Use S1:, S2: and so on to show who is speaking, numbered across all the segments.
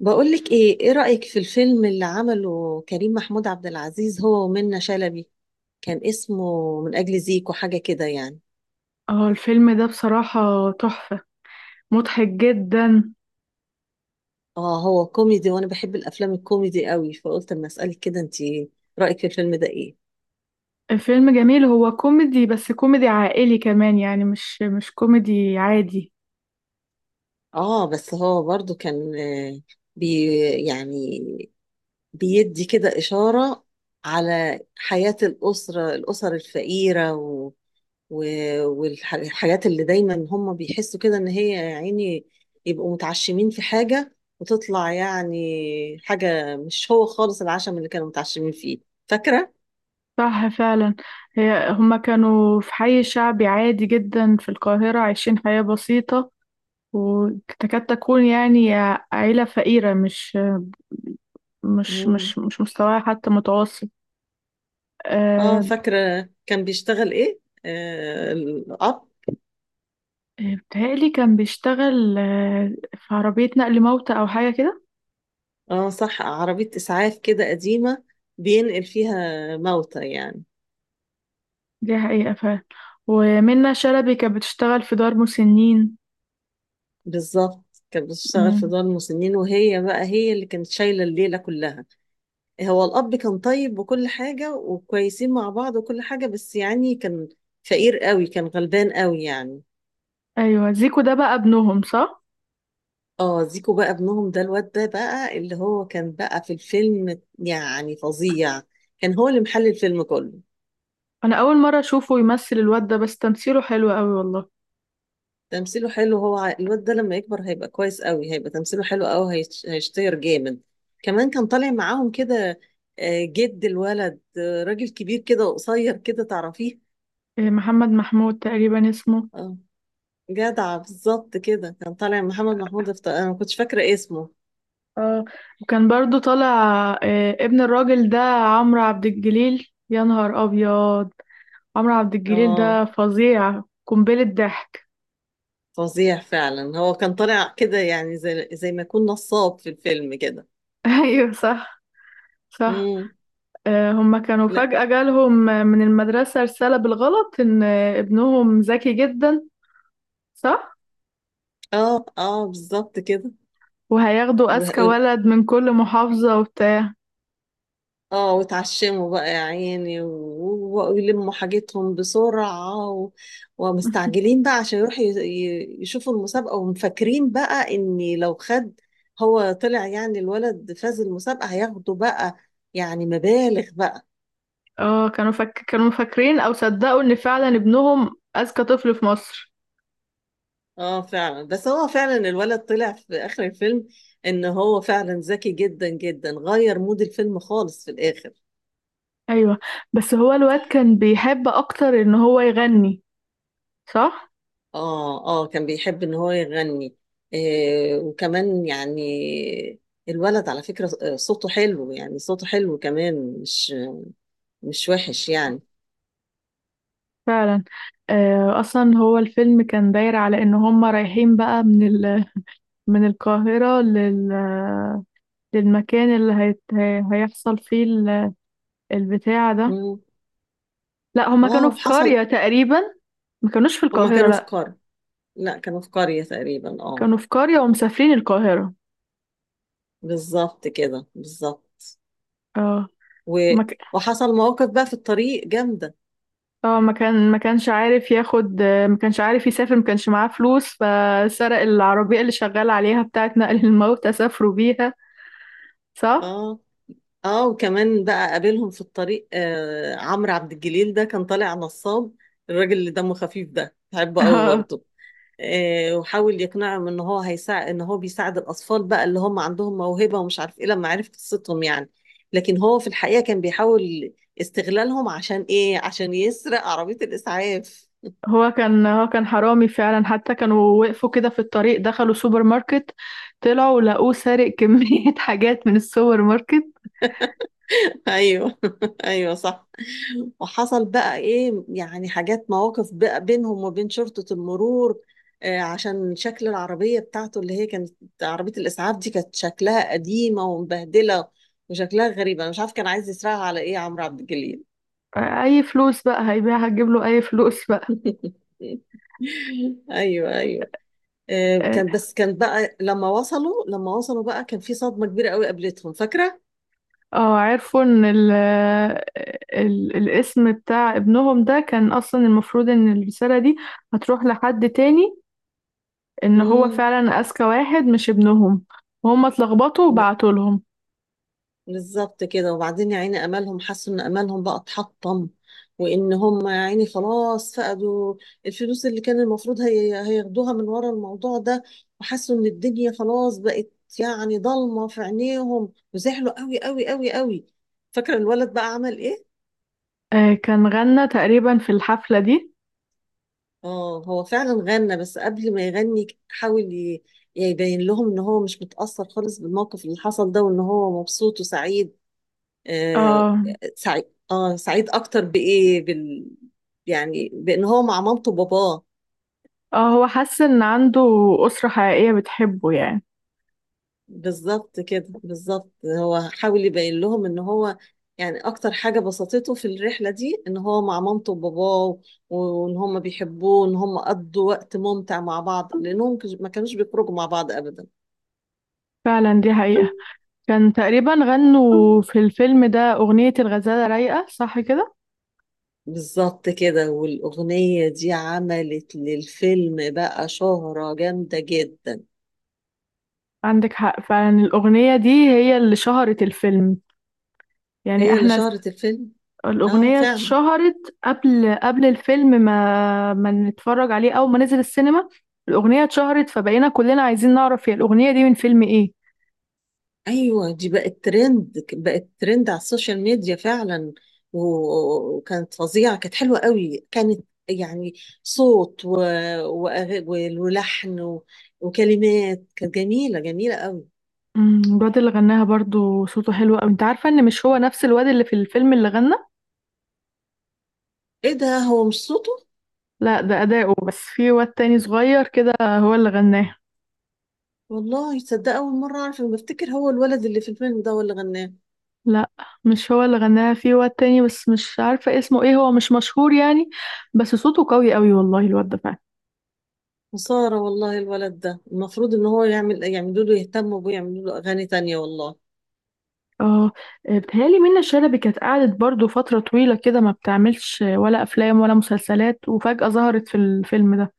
S1: بقولك ايه، ايه رأيك في الفيلم اللي عمله كريم محمود عبد العزيز هو ومنة شلبي؟ كان اسمه من أجل زيكو، حاجة كده يعني.
S2: اه، الفيلم ده بصراحة تحفة. مضحك جدا.
S1: اه هو كوميدي وانا بحب الافلام الكوميدي قوي، فقلت اما اسألك كده انت، رأيك في الفيلم ده ايه.
S2: الفيلم جميل، هو كوميدي بس كوميدي عائلي كمان، يعني مش كوميدي عادي.
S1: اه بس هو برضو كان بي يعني بيدي كده إشارة على حياة الأسرة، الأسر الفقيرة، والحاجات اللي دايما هم بيحسوا كده ان هي يا عيني يبقوا متعشمين في حاجة وتطلع يعني حاجة مش هو خالص العشم اللي كانوا متعشمين فيه. فاكرة؟
S2: صح فعلا. هما كانوا في حي شعبي عادي جدا في القاهرة، عايشين حياة بسيطة وتكاد تكون يعني عيلة فقيرة، مش مش
S1: مم.
S2: مش مش مستواها حتى متوسط.
S1: اه
S2: أه.
S1: فاكرة، كان بيشتغل ايه؟ آه الأب.
S2: بتهيألي كان بيشتغل في عربية نقل موتى أو حاجة كده.
S1: اه صح، عربية إسعاف كده قديمة بينقل فيها موتى يعني.
S2: دي حقيقة فعلا، ومنة شلبي كانت بتشتغل في دار مسنين.
S1: بالظبط، كانت بتشتغل في
S2: مم.
S1: دار المسنين، وهي بقى هي اللي كانت شايلة الليلة كلها. هو الأب كان طيب وكل حاجة، وكويسين مع بعض وكل حاجة، بس يعني كان فقير قوي، كان غلبان قوي يعني.
S2: أيوة، زيكو ده بقى ابنهم صح؟
S1: اه زيكو بقى ابنهم، ده الواد ده بقى اللي هو كان بقى في الفيلم يعني فظيع، كان هو اللي محل الفيلم كله.
S2: أنا أول مرة أشوفه يمثل، الواد ده بس تمثيله حلو أوي والله.
S1: تمثيله حلو، هو الواد ده لما يكبر هيبقى كويس قوي، هيبقى تمثيله حلو قوي، هيشتهر جامد. كمان كان طالع معاهم كده جد الولد، راجل كبير كده وقصير كده، تعرفيه.
S2: إيه، محمد محمود تقريبا اسمه.
S1: اه جدع، بالظبط كده، كان طالع محمد محمود انا ما كنتش فاكره اسمه.
S2: اه، وكان برضو طالع ابن الراجل ده عمرو عبد الجليل، يا نهار أبيض! عمرو عبد الجليل
S1: اه
S2: ده فظيع، قنبلة ضحك.
S1: فظيع فعلا، هو كان طالع كده يعني زي ما يكون نصاب في الفيلم كده.
S2: أيوة، صح، صح.
S1: امم
S2: هما كانوا
S1: لا.
S2: فجأة جالهم من المدرسة رسالة بالغلط إن ابنهم ذكي جدا، صح؟
S1: اه اه بالظبط كده.
S2: وهياخدوا أذكى
S1: وه-
S2: ولد من كل محافظة وبتاع.
S1: اه وتعشموا بقى يا عيني ويلموا حاجتهم بسرعة ومستعجلين بقى عشان يروحوا يشوفوا المسابقة، ومفكرين بقى ان لو خد هو طلع يعني الولد، فاز المسابقة، هياخدوا بقى يعني مبالغ بقى.
S2: اه، كانوا فاكرين أو صدقوا إن فعلا ابنهم أذكى طفل في مصر.
S1: اه فعلا، بس هو فعلا الولد طلع في اخر الفيلم ان هو فعلا ذكي جدا جدا، غير مود الفيلم خالص في الاخر.
S2: أيوة. بس هو الواد كان بيحب أكتر إن هو يغني، صح؟
S1: اه اه كان بيحب ان هو يغني. آه وكمان يعني الولد على فكرة صوته حلو يعني، صوته حلو كمان، مش وحش يعني.
S2: فعلا. أصلا هو الفيلم كان داير على إن هما رايحين بقى من القاهرة للمكان اللي هيحصل فيه البتاع ده.
S1: مم.
S2: لا، هما
S1: اه
S2: كانوا في قرية
S1: وحصل.
S2: تقريبا، ما كانوش في
S1: هما
S2: القاهرة،
S1: كانوا في
S2: لا
S1: قرية. لا كانوا في قرية تقريبا، اه.
S2: كانوا في قرية ومسافرين القاهرة.
S1: بالظبط كده، بالظبط.
S2: اه.
S1: و...
S2: ما ك...
S1: وحصل مواقف بقى في الطريق جامدة.
S2: ما كانش عارف ياخد، ما كانش عارف يسافر، ما كانش معاه فلوس، فسرق العربية اللي شغال عليها بتاعة نقل الموتى، سافروا بيها. صح.
S1: اه اه، وكمان بقى قابلهم في الطريق آه عمرو عبد الجليل ده، كان طالع نصاب. الراجل اللي دمه خفيف ده بحبه قوي
S2: اه،
S1: برضه. آه وحاول يقنعهم ان هو هيساعد، ان هو بيساعد الاطفال بقى اللي هم عندهم موهبة ومش عارف ايه، لما عرف قصتهم يعني. لكن هو في الحقيقة كان بيحاول استغلالهم عشان ايه، عشان يسرق عربية الاسعاف.
S2: هو كان حرامي فعلا، حتى كانوا وقفوا كده في الطريق، دخلوا سوبر ماركت، طلعوا لقوه سارق كمية حاجات من السوبر ماركت.
S1: ايوه. ايوه صح. وحصل بقى ايه يعني، حاجات مواقف بقى بينهم وبين شرطة المرور، عشان شكل العربية بتاعته اللي هي كانت، عربية الإسعاف دي كانت شكلها قديمة ومبهدلة وشكلها غريب. أنا مش عارف كان عايز يسرقها على إيه عمرو عبد الجليل.
S2: أي فلوس بقى هيبيعها، هتجيب له أي فلوس بقى.
S1: أيوه أيوه.
S2: آه.
S1: كان بقى لما وصلوا بقى كان في صدمة كبيرة قوي قابلتهم، فاكرة؟
S2: اه، عرفوا ان ال ال الاسم بتاع ابنهم ده كان اصلا المفروض ان الرسالة دي هتروح لحد تاني، ان هو فعلا اذكى واحد، مش ابنهم، وهم اتلخبطوا
S1: مم.
S2: وبعتوا لهم.
S1: بالظبط كده. وبعدين يا عيني امالهم، حسوا ان امالهم بقى اتحطم، وان هم يا عيني خلاص فقدوا الفلوس اللي كان المفروض هي هياخدوها من ورا الموضوع ده، وحسوا ان الدنيا خلاص بقت يعني ضلمه في عينيهم، وزعلوا قوي قوي قوي قوي. فاكره الولد بقى عمل ايه؟
S2: آه، كان غنى تقريبا في الحفلة دي.
S1: اه هو فعلا غنى، بس قبل ما يغني حاول يبين لهم ان هو مش متاثر خالص بالموقف اللي حصل ده، وان هو مبسوط وسعيد. آه
S2: اه،
S1: سعيد. اه سعيد اكتر يعني بان هو مع مامته وباباه.
S2: اه، هو حس ان عنده أسرة حقيقية بتحبه يعني.
S1: بالظبط كده، بالظبط. هو حاول يبين لهم ان هو يعني اكتر حاجة بسطته في الرحلة دي ان هو مع مامته وباباه، وان هم بيحبوه، وان هم قضوا وقت ممتع مع بعض، لانهم ما كانوش بيخرجوا مع بعض ابدا.
S2: فعلا، دي حقيقة. كان تقريبا غنوا في الفيلم ده أغنية الغزالة رايقة، صح كده؟
S1: بالظبط كده، والاغنية دي عملت للفيلم بقى شهرة جامدة جدا.
S2: عندك حق فعلا، الأغنية دي هي اللي شهرت الفيلم يعني،
S1: هي اللي
S2: احنا
S1: شهرت الفيلم. اه
S2: الأغنية
S1: فعلا.
S2: اتشهرت قبل الفيلم ما نتفرج عليه، أول ما نزل السينما. الأغنية اتشهرت، فبقينا كلنا عايزين نعرف هي الأغنية دي من فيلم إيه.
S1: ايوه دي بقت ترند، بقت ترند على السوشيال ميديا فعلا. وكانت فظيعه، كانت حلوه قوي، كانت يعني صوت و... وأغ- ولحن وكلمات، كانت جميله جميله قوي.
S2: الواد اللي غناها برضو صوته حلو أوي. أنت عارفة إن مش هو نفس الواد اللي في الفيلم اللي غنى؟
S1: ايه ده، هو مش صوته؟
S2: لا، ده أداؤه بس، في واد تاني صغير كده هو اللي غناها.
S1: والله تصدق اول مره اعرف، أنا بفتكر هو الولد اللي في الفيلم ده هو اللي غناه.
S2: لا، مش هو اللي غناها، في واد تاني بس مش عارفة اسمه إيه، هو مش مشهور يعني. بس صوته قوي أوي والله الواد ده.
S1: خساره والله الولد ده، المفروض ان هو يعمل، يعملوا له، يهتموا بيه، يعملوا له اغاني تانية والله.
S2: اه. بتهيألي منة شلبي كانت قعدت برضو فترة طويلة كده ما بتعملش ولا أفلام ولا مسلسلات، وفجأة ظهرت في الفيلم ده.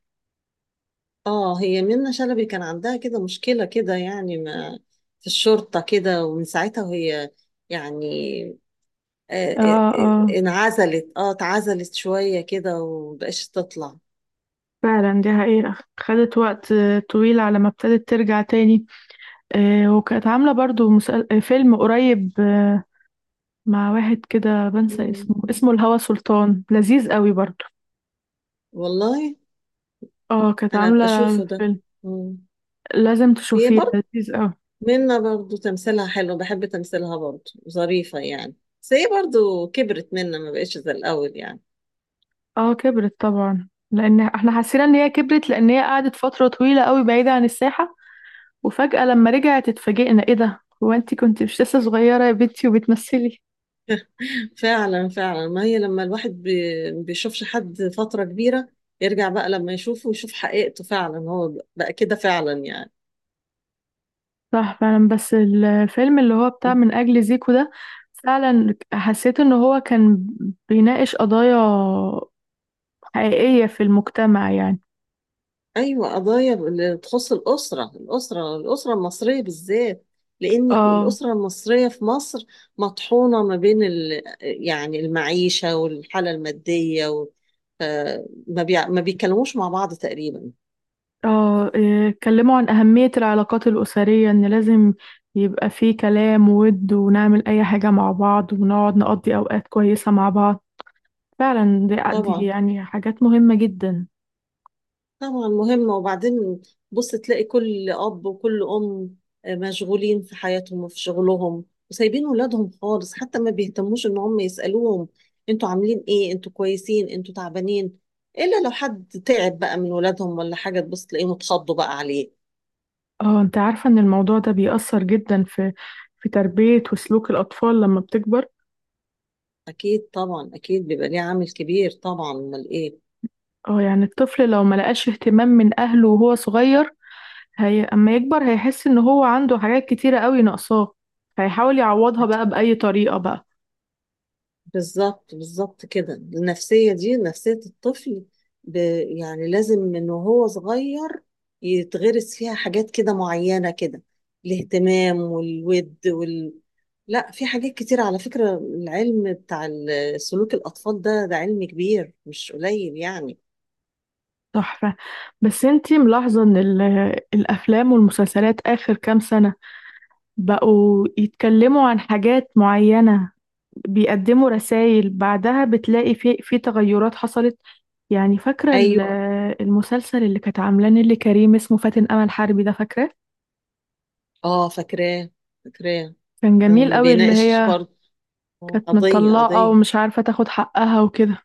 S1: اه هي منة شلبي كان عندها كده مشكلة كده يعني، ما في الشرطة كده، ومن ساعتها وهي يعني آه، آه،
S2: اه، اه.
S1: انعزلت، اه اتعزلت شوية كده ومبقاش تطلع.
S2: فعلا دي حقيقة، خدت وقت طويل على ما ابتدت ترجع تاني. وكانت عاملة برضو مسل... آه، فيلم قريب مع واحد كده بنسى
S1: مم.
S2: اسمه الهوى سلطان، لذيذ قوي برضو.
S1: والله،
S2: اه، كانت
S1: انا
S2: عاملة
S1: ابقى اشوفه ده.
S2: فيلم،
S1: مم.
S2: لازم
S1: هي
S2: تشوفيه،
S1: برضه
S2: لذيذ قوي.
S1: منة برضه تمثيلها حلو، بحب تمثيلها برضه، ظريفة يعني. بس هي برضه كبرت منة، ما بقتش زي الاول يعني.
S2: اه، كبرت طبعا، لان احنا حسينا ان هي كبرت، لان هي قعدت فترة طويلة قوي بعيدة عن الساحة، وفجأة لما رجعت اتفاجئنا، ايه ده، هو انتي كنت مش لسه صغيرة يا بنتي وبتمثلي؟
S1: فعلا فعلا، ما هي لما الواحد بيشوفش حد فترة كبيرة، يرجع بقى لما يشوفه يشوف حقيقته فعلا، هو بقى كده فعلا يعني.
S2: صح فعلا. بس الفيلم اللي هو بتاع من أجل زيكو ده، فعلا حسيت ان هو كان بيناقش قضايا حقيقية في المجتمع يعني.
S1: أيوة قضايا اللي تخص الأسرة، الأسرة، الأسرة المصرية بالذات. لأن
S2: اه.
S1: الأسرة المصرية في مصر مطحونة ما بين يعني المعيشة والحالة المادية ف- ما بيتكلموش مع بعض تقريبا.
S2: اه، إيه، اتكلموا عن أهمية العلاقات الأسرية، ان لازم يبقى فيه كلام وود ونعمل أي حاجة مع بعض ونقعد نقضي أوقات كويسة مع بعض. فعلا دي
S1: طبعا.
S2: يعني حاجات مهمة جدا.
S1: طبعا مهمة. وبعدين بص تلاقي كل أب وكل أم مشغولين في حياتهم وفي شغلهم، وسايبين ولادهم خالص، حتى ما بيهتموش إن هم يسألوهم أنتوا عاملين إيه، أنتوا كويسين، أنتوا تعبانين. إلا لو حد تعب بقى من ولادهم ولا حاجة، تبص تلاقيهم اتخضوا بقى عليه.
S2: اه، انت عارفة ان الموضوع ده بيأثر جدا في تربية وسلوك الأطفال لما بتكبر.
S1: أكيد طبعا، أكيد بيبقى ليه عامل كبير طبعا، أمال إيه.
S2: اه، يعني الطفل لو ما لقاش اهتمام من أهله وهو صغير، هي اما يكبر هيحس ان هو عنده حاجات كتيرة قوي ناقصاه، هيحاول يعوضها بقى بأي طريقة بقى.
S1: بالظبط، بالظبط كده، النفسية دي نفسية الطفل ب... يعني لازم من وهو صغير يتغرس فيها حاجات كده معينة كده، الاهتمام والود لا، في حاجات كتير على فكرة. العلم بتاع سلوك الأطفال ده، ده علم كبير مش قليل يعني.
S2: تحفة. بس انتي ملاحظة ان الأفلام والمسلسلات آخر كام سنة بقوا يتكلموا عن حاجات معينة، بيقدموا رسائل بعدها بتلاقي في تغيرات حصلت يعني؟ فاكرة
S1: أيوة.
S2: المسلسل اللي كانت عاملاه نيللي كريم اسمه فاتن أمل حربي ده؟ فاكرة،
S1: اه فاكراه، فاكراه.
S2: كان جميل
S1: كان
S2: قوي، اللي
S1: بيناقش
S2: هي
S1: برضه
S2: كانت
S1: قضية،
S2: متطلقة
S1: قضية.
S2: ومش عارفة تاخد حقها وكده.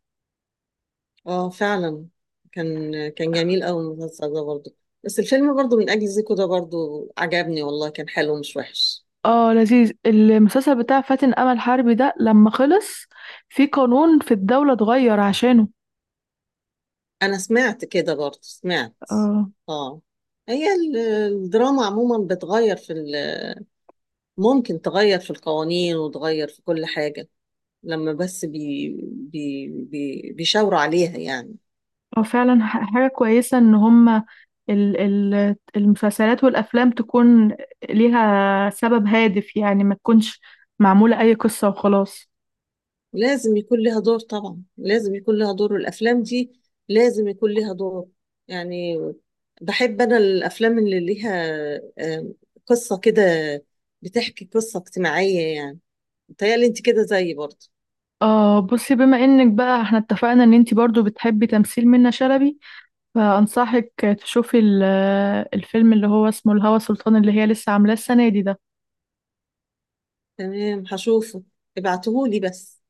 S1: اه فعلا. كان كان جميل قوي المسلسل ده برضه. بس الفيلم برضه من اجل زيكو ده برضه عجبني والله، كان حلو مش وحش.
S2: اه، لذيذ. المسلسل بتاع فاتن أمل حربي ده لما خلص، في قانون في الدولة اتغير عشانه.
S1: انا سمعت كده برضه، سمعت.
S2: اه،
S1: اه. هي الدراما عموما بتغير في ممكن تغير في القوانين، وتغير في كل حاجة، لما بس بي بي بي بيشاوروا عليها يعني.
S2: هو فعلا حاجة كويسة إن هما المسلسلات والأفلام تكون ليها سبب هادف يعني، ما تكونش معمولة أي قصة وخلاص.
S1: لازم يكون لها دور طبعا، لازم يكون لها دور، والأفلام دي لازم يكون لها دور يعني. بحب أنا الأفلام اللي ليها آم، قصة كده، بتحكي قصة اجتماعية يعني. متهيألي أنت كده زيي برضه.
S2: آه، بصي، بما إنك بقى احنا اتفقنا إن انتي برضو بتحبي تمثيل منة شلبي، فأنصحك تشوفي الفيلم اللي هو اسمه الهوى سلطان، اللي هي لسه عاملاه السنة دي ده.
S1: تمام هشوفه، ابعتهولي بس.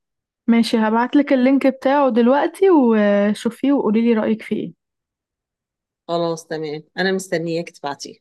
S2: ماشي، هبعتلك اللينك بتاعه دلوقتي، وشوفيه وقوليلي رأيك فيه إيه.
S1: خلاص تمام، أنا مستنياك تبعتيه.